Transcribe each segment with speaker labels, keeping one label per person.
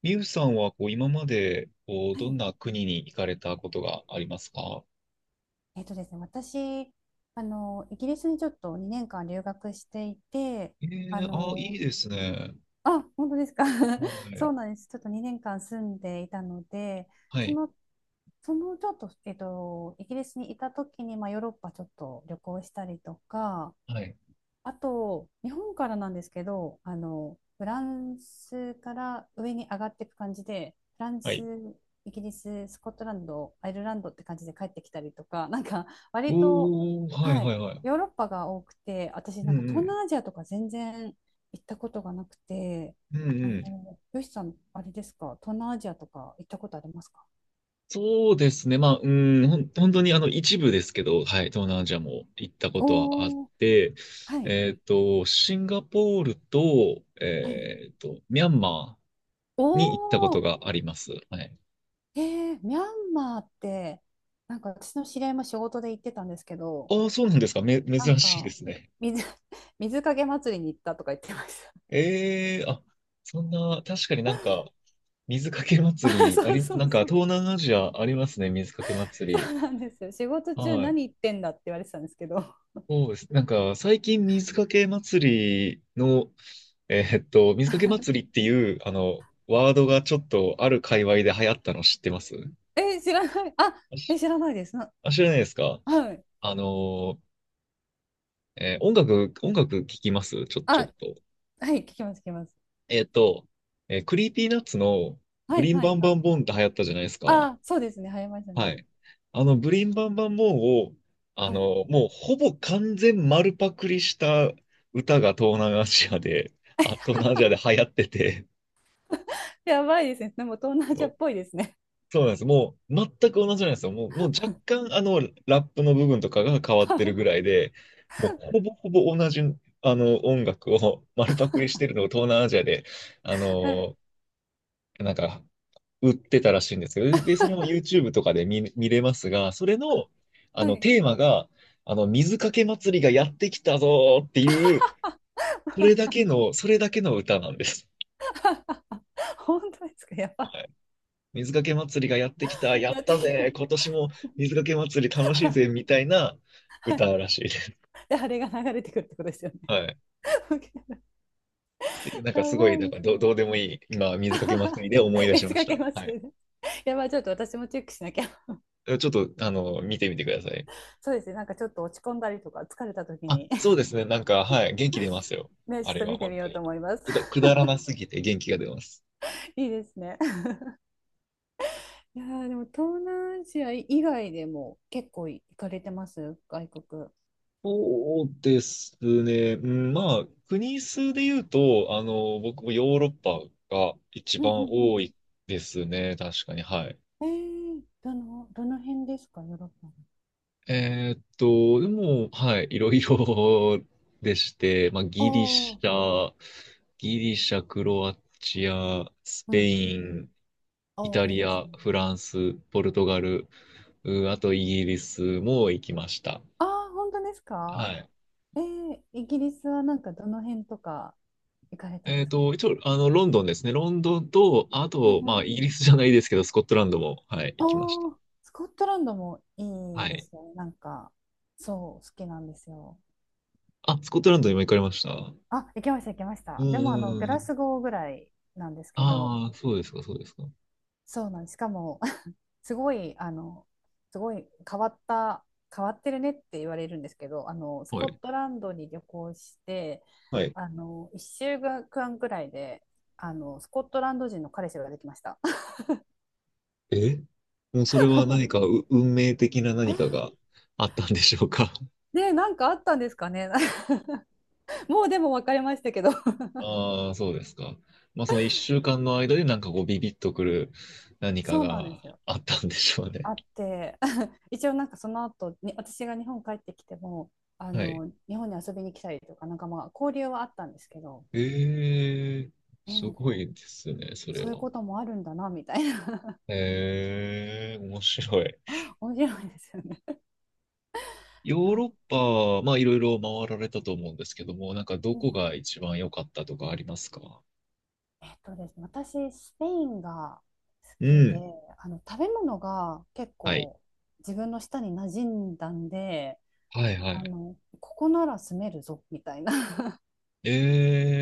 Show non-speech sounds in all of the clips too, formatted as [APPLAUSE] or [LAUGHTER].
Speaker 1: みゆさんはこう今までこう
Speaker 2: は
Speaker 1: ど
Speaker 2: い。
Speaker 1: んな国に行かれたことがありますか？
Speaker 2: えっとですね、私、イギリスにちょっと2年間留学していて、
Speaker 1: え
Speaker 2: あ
Speaker 1: え、あ、いい
Speaker 2: の、
Speaker 1: ですね。
Speaker 2: あ、本当ですか？[LAUGHS]
Speaker 1: はい。
Speaker 2: そうなんです。ちょっと2年間住んでいたので、
Speaker 1: は
Speaker 2: そ
Speaker 1: い。
Speaker 2: の、ちょっと、イギリスにいた時に、まあ、ヨーロッパちょっと旅行したりとか、
Speaker 1: はい。
Speaker 2: あと、日本からなんですけど、フランスから上に上がっていく感じで、フラン
Speaker 1: は
Speaker 2: ス、
Speaker 1: い。
Speaker 2: イギリス、スコットランド、アイルランドって感じで帰ってきたりとか、[LAUGHS] なんか割と、
Speaker 1: おー、はい
Speaker 2: は
Speaker 1: は
Speaker 2: い、
Speaker 1: いはい。
Speaker 2: ヨーロッパが多くて、私
Speaker 1: う
Speaker 2: なんか
Speaker 1: んう
Speaker 2: 東
Speaker 1: ん。
Speaker 2: 南アジアとか全然行ったことがなくて、
Speaker 1: うんうん。
Speaker 2: よしさん、あれですか、東南アジアとか行ったことありますか？
Speaker 1: そうですね。まあ、うん、本当に一部ですけど、はい、東南アジアも行ったことはあっ
Speaker 2: おー、
Speaker 1: て、
Speaker 2: はい、
Speaker 1: シンガポールと、
Speaker 2: はい。
Speaker 1: ミャンマーに行ったこ
Speaker 2: お
Speaker 1: と
Speaker 2: ー、
Speaker 1: があります。はい。
Speaker 2: ミャンマーって、なんか私の知り合いも仕事で行ってたんですけど、
Speaker 1: ああ、そうなんですか。
Speaker 2: なん
Speaker 1: 珍しいで
Speaker 2: か、
Speaker 1: すね。
Speaker 2: 水、[LAUGHS] 水かけ祭りに行ったとか言ってました。
Speaker 1: ええ、あ、そんな、確かになんか、水かけ
Speaker 2: [LAUGHS] あ、
Speaker 1: 祭り、
Speaker 2: そうそ
Speaker 1: な
Speaker 2: う
Speaker 1: んか
Speaker 2: そう。
Speaker 1: 東南アジアありますね、水かけ
Speaker 2: そ
Speaker 1: 祭
Speaker 2: う
Speaker 1: り。
Speaker 2: なんですよ。仕事中
Speaker 1: はい。
Speaker 2: 何言ってんだって言われてたんですけど。
Speaker 1: そうです。なんか、最近水かけ祭り
Speaker 2: [LAUGHS]
Speaker 1: っていう、ワードがちょっとある界隈で流行ったの知ってます？
Speaker 2: え、知らない。あ、
Speaker 1: あ、
Speaker 2: え、知らないです。
Speaker 1: あ、知らないですか？
Speaker 2: はい。
Speaker 1: あの音楽聞きますちょ、
Speaker 2: あ、
Speaker 1: ちょっと。
Speaker 2: はい、聞きます、聞きます。
Speaker 1: えーっと、クリーピーナッツの
Speaker 2: は
Speaker 1: ブ
Speaker 2: い、
Speaker 1: リン
Speaker 2: は
Speaker 1: バ
Speaker 2: い、
Speaker 1: ン
Speaker 2: は
Speaker 1: バ
Speaker 2: い。
Speaker 1: ンボンって流行ったじゃないですか。
Speaker 2: あ、そうですね。入りましたね。
Speaker 1: はい。ブリンバンバンボンを、
Speaker 2: うん。
Speaker 1: もうほぼ完全丸パクリした歌が東南アジアで、[LAUGHS] あ、東南アジアで流行ってて、
Speaker 2: やばいですね。でも東南アジ
Speaker 1: そ
Speaker 2: ア
Speaker 1: う、
Speaker 2: っぽいですね。
Speaker 1: そうなんです。もう全く同じなんですよ。もう若干ラップの部分とかが変わっ
Speaker 2: [LAUGHS]
Speaker 1: てるぐらいで、もうほぼほぼ同じ、音楽を丸パクリしてるのを東南アジアで、あ
Speaker 2: はい。
Speaker 1: の、なんか売ってたらしいんですよ。で、それも YouTube とかで見れますが、それの、
Speaker 2: はい。
Speaker 1: テーマが、水かけ祭りがやってきたぞーっていう、それだけの歌なんです。
Speaker 2: [LAUGHS] 本当ですか？やば。
Speaker 1: はい。水かけ祭りがやってきた、や
Speaker 2: や
Speaker 1: っ
Speaker 2: って
Speaker 1: た
Speaker 2: きた。
Speaker 1: ぜー、今年も水かけ祭り楽しい
Speaker 2: [LAUGHS]
Speaker 1: ぜ、みたいな
Speaker 2: は
Speaker 1: 歌
Speaker 2: い。
Speaker 1: らしいです。
Speaker 2: で、あれが流れてくるってことですよね。
Speaker 1: はい。っ
Speaker 2: [LAUGHS]
Speaker 1: ていう、なんか
Speaker 2: や
Speaker 1: すご
Speaker 2: ば
Speaker 1: い、なん
Speaker 2: いで
Speaker 1: か
Speaker 2: す
Speaker 1: どう
Speaker 2: ね。
Speaker 1: でもいい、今、水かけ祭
Speaker 2: [LAUGHS]
Speaker 1: りで思い出し
Speaker 2: 別
Speaker 1: まし
Speaker 2: かけ
Speaker 1: た。
Speaker 2: ま
Speaker 1: は
Speaker 2: す
Speaker 1: い。
Speaker 2: ね。やばい、ちょっと私もチェックしなきゃ。
Speaker 1: ちょっと、見てみてください。
Speaker 2: そうですね、なんかちょっと落ち込んだりとか、疲れた時
Speaker 1: あ、
Speaker 2: に。
Speaker 1: そうですね。なんか、はい、元気出ますよ。
Speaker 2: [LAUGHS] ね、ち
Speaker 1: あ
Speaker 2: ょっ
Speaker 1: れ
Speaker 2: と
Speaker 1: は
Speaker 2: 見て
Speaker 1: 本
Speaker 2: みよ
Speaker 1: 当
Speaker 2: う
Speaker 1: に。
Speaker 2: と思います。
Speaker 1: くだらなすぎて元気が出ます。
Speaker 2: [LAUGHS] いいですね。いやーでも東南アジア以外でも結構行かれてます外国？
Speaker 1: そうですね。うん、まあ、国数で言うと、僕もヨーロッパが一
Speaker 2: うんう
Speaker 1: 番
Speaker 2: ん
Speaker 1: 多いですね。確かに。はい。
Speaker 2: うん。どの辺ですかヨーロッパ
Speaker 1: でも、はい、いろいろでして、まあ、ギリ
Speaker 2: の？あ
Speaker 1: シ
Speaker 2: あ、
Speaker 1: ャ、ギリシャ、クロアチア、ス
Speaker 2: う
Speaker 1: ペ
Speaker 2: んうん
Speaker 1: イ
Speaker 2: うん。
Speaker 1: ン、イ
Speaker 2: ああ、
Speaker 1: タ
Speaker 2: いい
Speaker 1: リ
Speaker 2: です
Speaker 1: ア、
Speaker 2: ね。
Speaker 1: フランス、ポルトガル、あとイギリスも行きました。
Speaker 2: ああ、本当ですか？
Speaker 1: はい。
Speaker 2: イギリスはなんかどの辺とか行かれたんですか？
Speaker 1: 一応、ロンドンですね。ロンドンと、あ
Speaker 2: うん
Speaker 1: と、ま
Speaker 2: う
Speaker 1: あ、
Speaker 2: ん。
Speaker 1: イギリスじゃないですけど、スコットランドも、はい、
Speaker 2: あ
Speaker 1: 行きました。
Speaker 2: あ、スコットランドもい
Speaker 1: は
Speaker 2: いで
Speaker 1: い。
Speaker 2: すね。なんか、そう、好きなんですよ。
Speaker 1: あ、スコットランドにも行かれました。う
Speaker 2: あ、行きました、行きまし
Speaker 1: んう
Speaker 2: た。でも、グ
Speaker 1: んう
Speaker 2: ラ
Speaker 1: ん。
Speaker 2: スゴーぐらいなんですけど、
Speaker 1: ああ、そうですか、そうですか。
Speaker 2: そうなんです。しかも、[LAUGHS] すごい、あの、すごい変わってるねって言われるんですけど、ス
Speaker 1: は
Speaker 2: コッ
Speaker 1: い。
Speaker 2: トランドに旅行して、
Speaker 1: はい。
Speaker 2: 1週間くらいで、スコットランド人の彼氏ができました。
Speaker 1: え、もうそれは何か運命的な何かがあったんでしょうか。
Speaker 2: でなんかあったんですかね。[LAUGHS] もうでも別れましたけど。[LAUGHS]
Speaker 1: ああ、そうですか。まあ、その一週間の間でなんかこうビビッとくる何か
Speaker 2: そうなんで
Speaker 1: が
Speaker 2: すよ。
Speaker 1: あったんでしょうね。
Speaker 2: あって、[LAUGHS] 一応なんかその後に私が日本帰ってきても、
Speaker 1: [LAUGHS] はい。
Speaker 2: 日本に遊びに来たりとか、なんかまあ交流はあったんですけど、
Speaker 1: ええ、す
Speaker 2: なん
Speaker 1: ご
Speaker 2: か
Speaker 1: いですね、それ
Speaker 2: そういう
Speaker 1: は。
Speaker 2: こともあるんだな、みたいな。
Speaker 1: ええ、面白い。
Speaker 2: [LAUGHS] 面白いですよね。
Speaker 1: ヨ
Speaker 2: [LAUGHS]
Speaker 1: ー
Speaker 2: あ、
Speaker 1: ロッパ、まあいろいろ回られたと思うんですけども、なんかど
Speaker 2: う
Speaker 1: こ
Speaker 2: ん。
Speaker 1: が一番良かったとかありますか？
Speaker 2: えっとですね、私、スペインが好
Speaker 1: う
Speaker 2: きで、
Speaker 1: ん。
Speaker 2: 食べ物が結
Speaker 1: はい。
Speaker 2: 構自分の舌に馴染んだんで、
Speaker 1: はいはい。
Speaker 2: ここなら住めるぞ、みたいな。
Speaker 1: え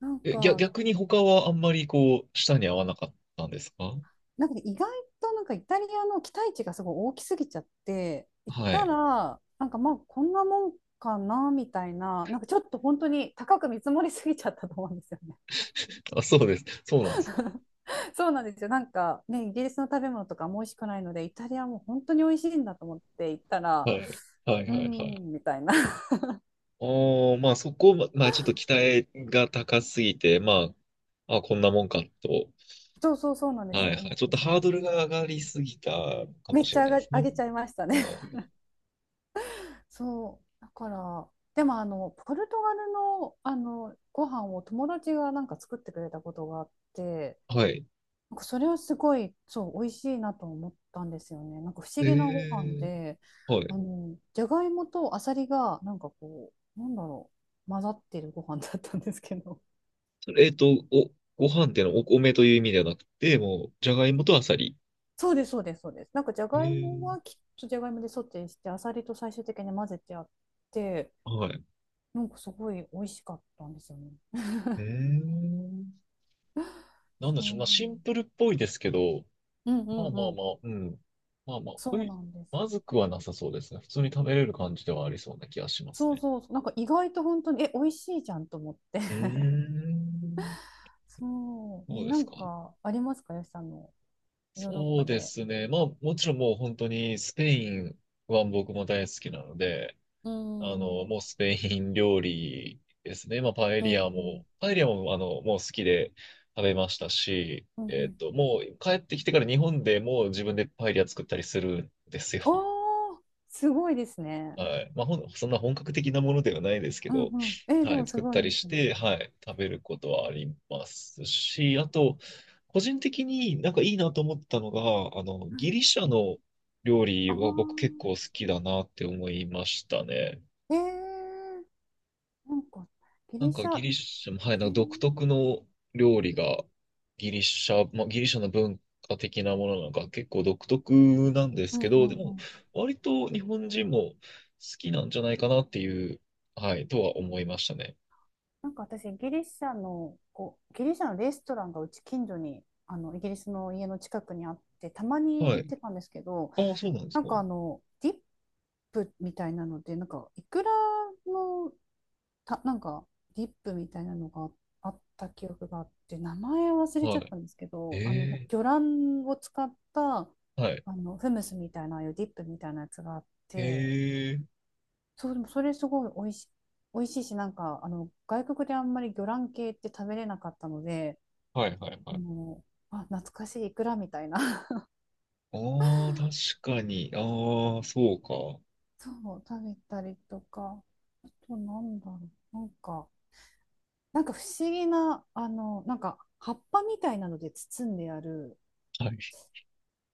Speaker 2: なん
Speaker 1: え、え逆
Speaker 2: か、
Speaker 1: 逆に他はあんまりこう、舌に合わなかったんですか？
Speaker 2: なんかね意外となんかイタリアの期待値がすごい大きすぎちゃって、行っ
Speaker 1: は
Speaker 2: た
Speaker 1: い。
Speaker 2: ら、なんかまあこんなもんかなみたいな、なんかちょっと本当に高く見積もりすぎちゃったと思うんですよね。
Speaker 1: あ、そうです。そうなんです。
Speaker 2: [LAUGHS] そうなんですよ。なんかね、イギリスの食べ物とかも美味しくないので、イタリアも本当に美味しいんだと思って行ったら、
Speaker 1: はい。はい
Speaker 2: うー
Speaker 1: はいはい。
Speaker 2: ん、みたいな。[LAUGHS]
Speaker 1: おー、まあそこ、まあちょっと期待が高すぎて、まあ、あ、こんなもんかと。
Speaker 2: そうそうそうなんで
Speaker 1: は
Speaker 2: すよ。
Speaker 1: いは
Speaker 2: 思
Speaker 1: い。
Speaker 2: っ
Speaker 1: ちょっ
Speaker 2: て
Speaker 1: と
Speaker 2: し
Speaker 1: ハ
Speaker 2: ま
Speaker 1: ー
Speaker 2: う。
Speaker 1: ドルが上がりすぎたか
Speaker 2: め
Speaker 1: も
Speaker 2: っ
Speaker 1: し
Speaker 2: ち
Speaker 1: れ
Speaker 2: ゃ
Speaker 1: ないです
Speaker 2: 上
Speaker 1: ね。
Speaker 2: げちゃいました
Speaker 1: あ
Speaker 2: ね。
Speaker 1: ー、
Speaker 2: そうだからでもポルトガルのご飯を友達がなんか作ってくれたことがあって、
Speaker 1: はい。
Speaker 2: なんかそれはすごいそう美味しいなと思ったんですよね。なんか不思
Speaker 1: え
Speaker 2: 議なご飯
Speaker 1: ー、
Speaker 2: で、
Speaker 1: はい。
Speaker 2: じゃがいもとあさりがなんかこうなんだろう混ざってるご飯だったんですけど。
Speaker 1: それ、ご飯っていうのはお米という意味ではなくて、もう、じゃがいもとあさり。
Speaker 2: [LAUGHS] そうですそうですそうです。なんかじゃ
Speaker 1: え
Speaker 2: がいも
Speaker 1: ー、
Speaker 2: はきっとじゃがいもでソテーしてあさりと最終的に混ぜてあって、
Speaker 1: はい。
Speaker 2: なんかすごい美味しかったんですよね。
Speaker 1: えー、なんで
Speaker 2: そ
Speaker 1: しょう。
Speaker 2: う。
Speaker 1: まあシンプルっぽいですけど、
Speaker 2: うんう
Speaker 1: まあ
Speaker 2: んう
Speaker 1: まあ
Speaker 2: ん。
Speaker 1: まあ、うん。まあまあ、
Speaker 2: そうなんです。
Speaker 1: まずくはなさそうですね。普通に食べれる感じではありそうな気がします
Speaker 2: そう
Speaker 1: ね。
Speaker 2: そうそう、なんか意外と本当に、美味しいじゃんと思って。
Speaker 1: うーん。
Speaker 2: [LAUGHS] そう、
Speaker 1: そうで
Speaker 2: な
Speaker 1: す
Speaker 2: ん
Speaker 1: か。
Speaker 2: かありますか、よしさんのヨーロッ
Speaker 1: そう
Speaker 2: パ
Speaker 1: で
Speaker 2: で？
Speaker 1: すね。まあ、もちろんもう本当にスペインは僕も大好きなので、
Speaker 2: うんうん。
Speaker 1: もうスペイン料理ですね。まあ、パエ
Speaker 2: う
Speaker 1: リア
Speaker 2: んうん。
Speaker 1: も、パエリアも、もう好きで食べましたし、
Speaker 2: うんうん。
Speaker 1: もう帰ってきてから日本でもう自分でパエリア作ったりするんですよ。
Speaker 2: おー、すごいですね。
Speaker 1: はい。まあ、そんな本格的なものではないですけ
Speaker 2: う
Speaker 1: ど、
Speaker 2: んうん。で
Speaker 1: は
Speaker 2: も
Speaker 1: い、
Speaker 2: す
Speaker 1: 作っ
Speaker 2: ご
Speaker 1: た
Speaker 2: いで
Speaker 1: り
Speaker 2: す
Speaker 1: し
Speaker 2: ね。
Speaker 1: て、はい、食べることはありますし、あと、個人的になんかいいなと思ったのが、ギリシャの料理
Speaker 2: あ
Speaker 1: は僕結
Speaker 2: あ、
Speaker 1: 構好きだなって思いましたね。
Speaker 2: えー、なんかギ
Speaker 1: なん
Speaker 2: リシ
Speaker 1: か
Speaker 2: ャ
Speaker 1: ギリシャも、はい、なん
Speaker 2: 系、
Speaker 1: か独特の料理がギリシャ、まあ、ギリシャの文化的なものなのか結構独特なんで
Speaker 2: う
Speaker 1: すけ
Speaker 2: んう
Speaker 1: ど、
Speaker 2: んう
Speaker 1: でも
Speaker 2: ん。
Speaker 1: 割と日本人も好きなんじゃないかなっていう、はい、とは思いましたね。
Speaker 2: なんか私、ギリシャのレストランがうち近所に、イギリスの家の近くにあって、たまに
Speaker 1: は
Speaker 2: 行
Speaker 1: い。
Speaker 2: ってたんですけど、
Speaker 1: ああ、そうなんです
Speaker 2: なん
Speaker 1: か。
Speaker 2: かディップみたいなので、なんか、いくらの、なんか、ディップみたいなのがあった記憶があって、名前忘れちゃ
Speaker 1: は
Speaker 2: ったんですけ
Speaker 1: い。
Speaker 2: ど、
Speaker 1: え
Speaker 2: 魚卵を使った、
Speaker 1: え、はい。
Speaker 2: フムスみたいな、ああいうディップみたいなやつがあって、
Speaker 1: ええ、
Speaker 2: そう、でもそれすごい美味しいし、なんか、外国であんまり魚卵系って食べれなかったので、
Speaker 1: はいはい
Speaker 2: あ
Speaker 1: はい。
Speaker 2: の、あ、懐かしいイクラみたいな。[LAUGHS]
Speaker 1: ああ、確かに。ああ、そうか。
Speaker 2: そう、食べたりとか、あとなんだろう、なんか不思議な、なんか葉っぱみたいなので包んである、
Speaker 1: はい。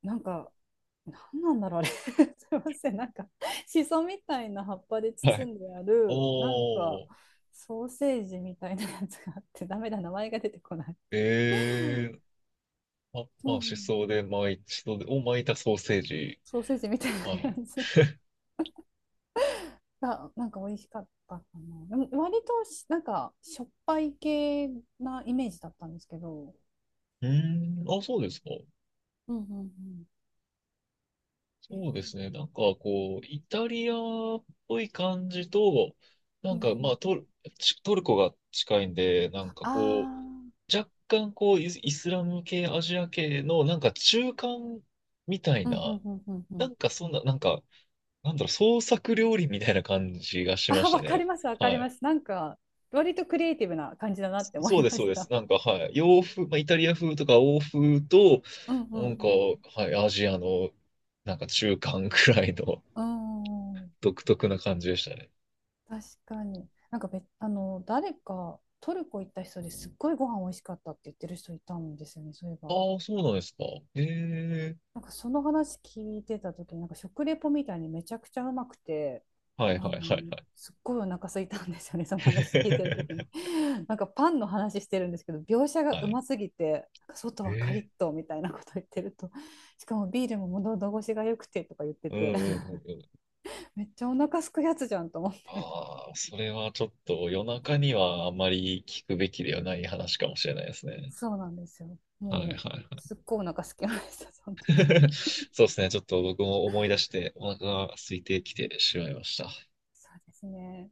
Speaker 2: なんか、なんなんだろう、あれ。[LAUGHS] すいません、なんか、シソみたいな葉っぱで
Speaker 1: はい。
Speaker 2: 包んである、なんか、
Speaker 1: おー。
Speaker 2: ソーセージみたいなやつがあって、ダメだ、名前が出てこない。
Speaker 1: ええ、あ、
Speaker 2: う
Speaker 1: まあ、
Speaker 2: ん、
Speaker 1: しそを巻いたソーセージ。
Speaker 2: ソーセージみたいな
Speaker 1: はい。
Speaker 2: やつが、なんか美味しかったかな。でも割となんか、しょっぱい系なイメージだったんですけど。
Speaker 1: うーん、あ、そうですか。
Speaker 2: うんうんうん。
Speaker 1: そうですね。なんか、こう、イタリアっぽい感じと、な
Speaker 2: う
Speaker 1: ん
Speaker 2: ん
Speaker 1: か、
Speaker 2: う
Speaker 1: ま
Speaker 2: ん。
Speaker 1: あ、トルコが近いんで、なんか
Speaker 2: あ
Speaker 1: こ
Speaker 2: あ、
Speaker 1: う、若干、こう、イスラム系、アジア系の、なんか中間みたい
Speaker 2: うんう
Speaker 1: な、
Speaker 2: んうんうんう
Speaker 1: な
Speaker 2: ん。
Speaker 1: んかそんな、なんか、なんだろう、創作料理みたいな感じがしま
Speaker 2: あ、
Speaker 1: し
Speaker 2: わ
Speaker 1: た
Speaker 2: かり
Speaker 1: ね。
Speaker 2: ます、わか
Speaker 1: は
Speaker 2: り
Speaker 1: い。
Speaker 2: ます。なんか、割とクリエイティブな感じだなって思
Speaker 1: そう
Speaker 2: い
Speaker 1: で
Speaker 2: ま
Speaker 1: す、そう
Speaker 2: し
Speaker 1: です。
Speaker 2: た。
Speaker 1: なんか、はい。洋風、まあ、イタリア風とか欧風と、
Speaker 2: うんう
Speaker 1: なんか、
Speaker 2: ん
Speaker 1: はい、アジアの、なんか中間くらいの
Speaker 2: うん。うーん、
Speaker 1: [LAUGHS] 独特な感じでしたね。
Speaker 2: 確かに。なんかべ、あの、誰か、トルコ行った人ですっごいご飯美味しかったって言ってる人いたんですよね、そういえば。
Speaker 1: ああ、そうなんですか。ええ、
Speaker 2: なんかその話聞いてた時になんか食レポみたいにめちゃくちゃうまくて、
Speaker 1: はい
Speaker 2: あ
Speaker 1: は
Speaker 2: の
Speaker 1: いはいはい。
Speaker 2: すっごいお腹空いたんですよね、その話聞いてる時に。 [LAUGHS] なんかパンの話してるんですけど、描写
Speaker 1: [LAUGHS]
Speaker 2: が
Speaker 1: は
Speaker 2: う
Speaker 1: い。
Speaker 2: ますぎて、なんか外はカリッ
Speaker 1: ええ、
Speaker 2: とみたいなこと言ってると、 [LAUGHS] しかもビールも喉越しが良くてとか言って
Speaker 1: うんう
Speaker 2: て、
Speaker 1: んう
Speaker 2: [LAUGHS]
Speaker 1: んうん。
Speaker 2: めっちゃお腹すくやつじゃんと思って。
Speaker 1: ああ、それはちょっと夜中にはあまり聞くべきではない話かもしれないですね。
Speaker 2: そうなんですよ、
Speaker 1: はいは
Speaker 2: もう
Speaker 1: い。
Speaker 2: すっごいお腹すきましたその時。
Speaker 1: [LAUGHS] そうですね。ちょっと僕も思い出してお腹が空いてきてしまいました。
Speaker 2: そうですね。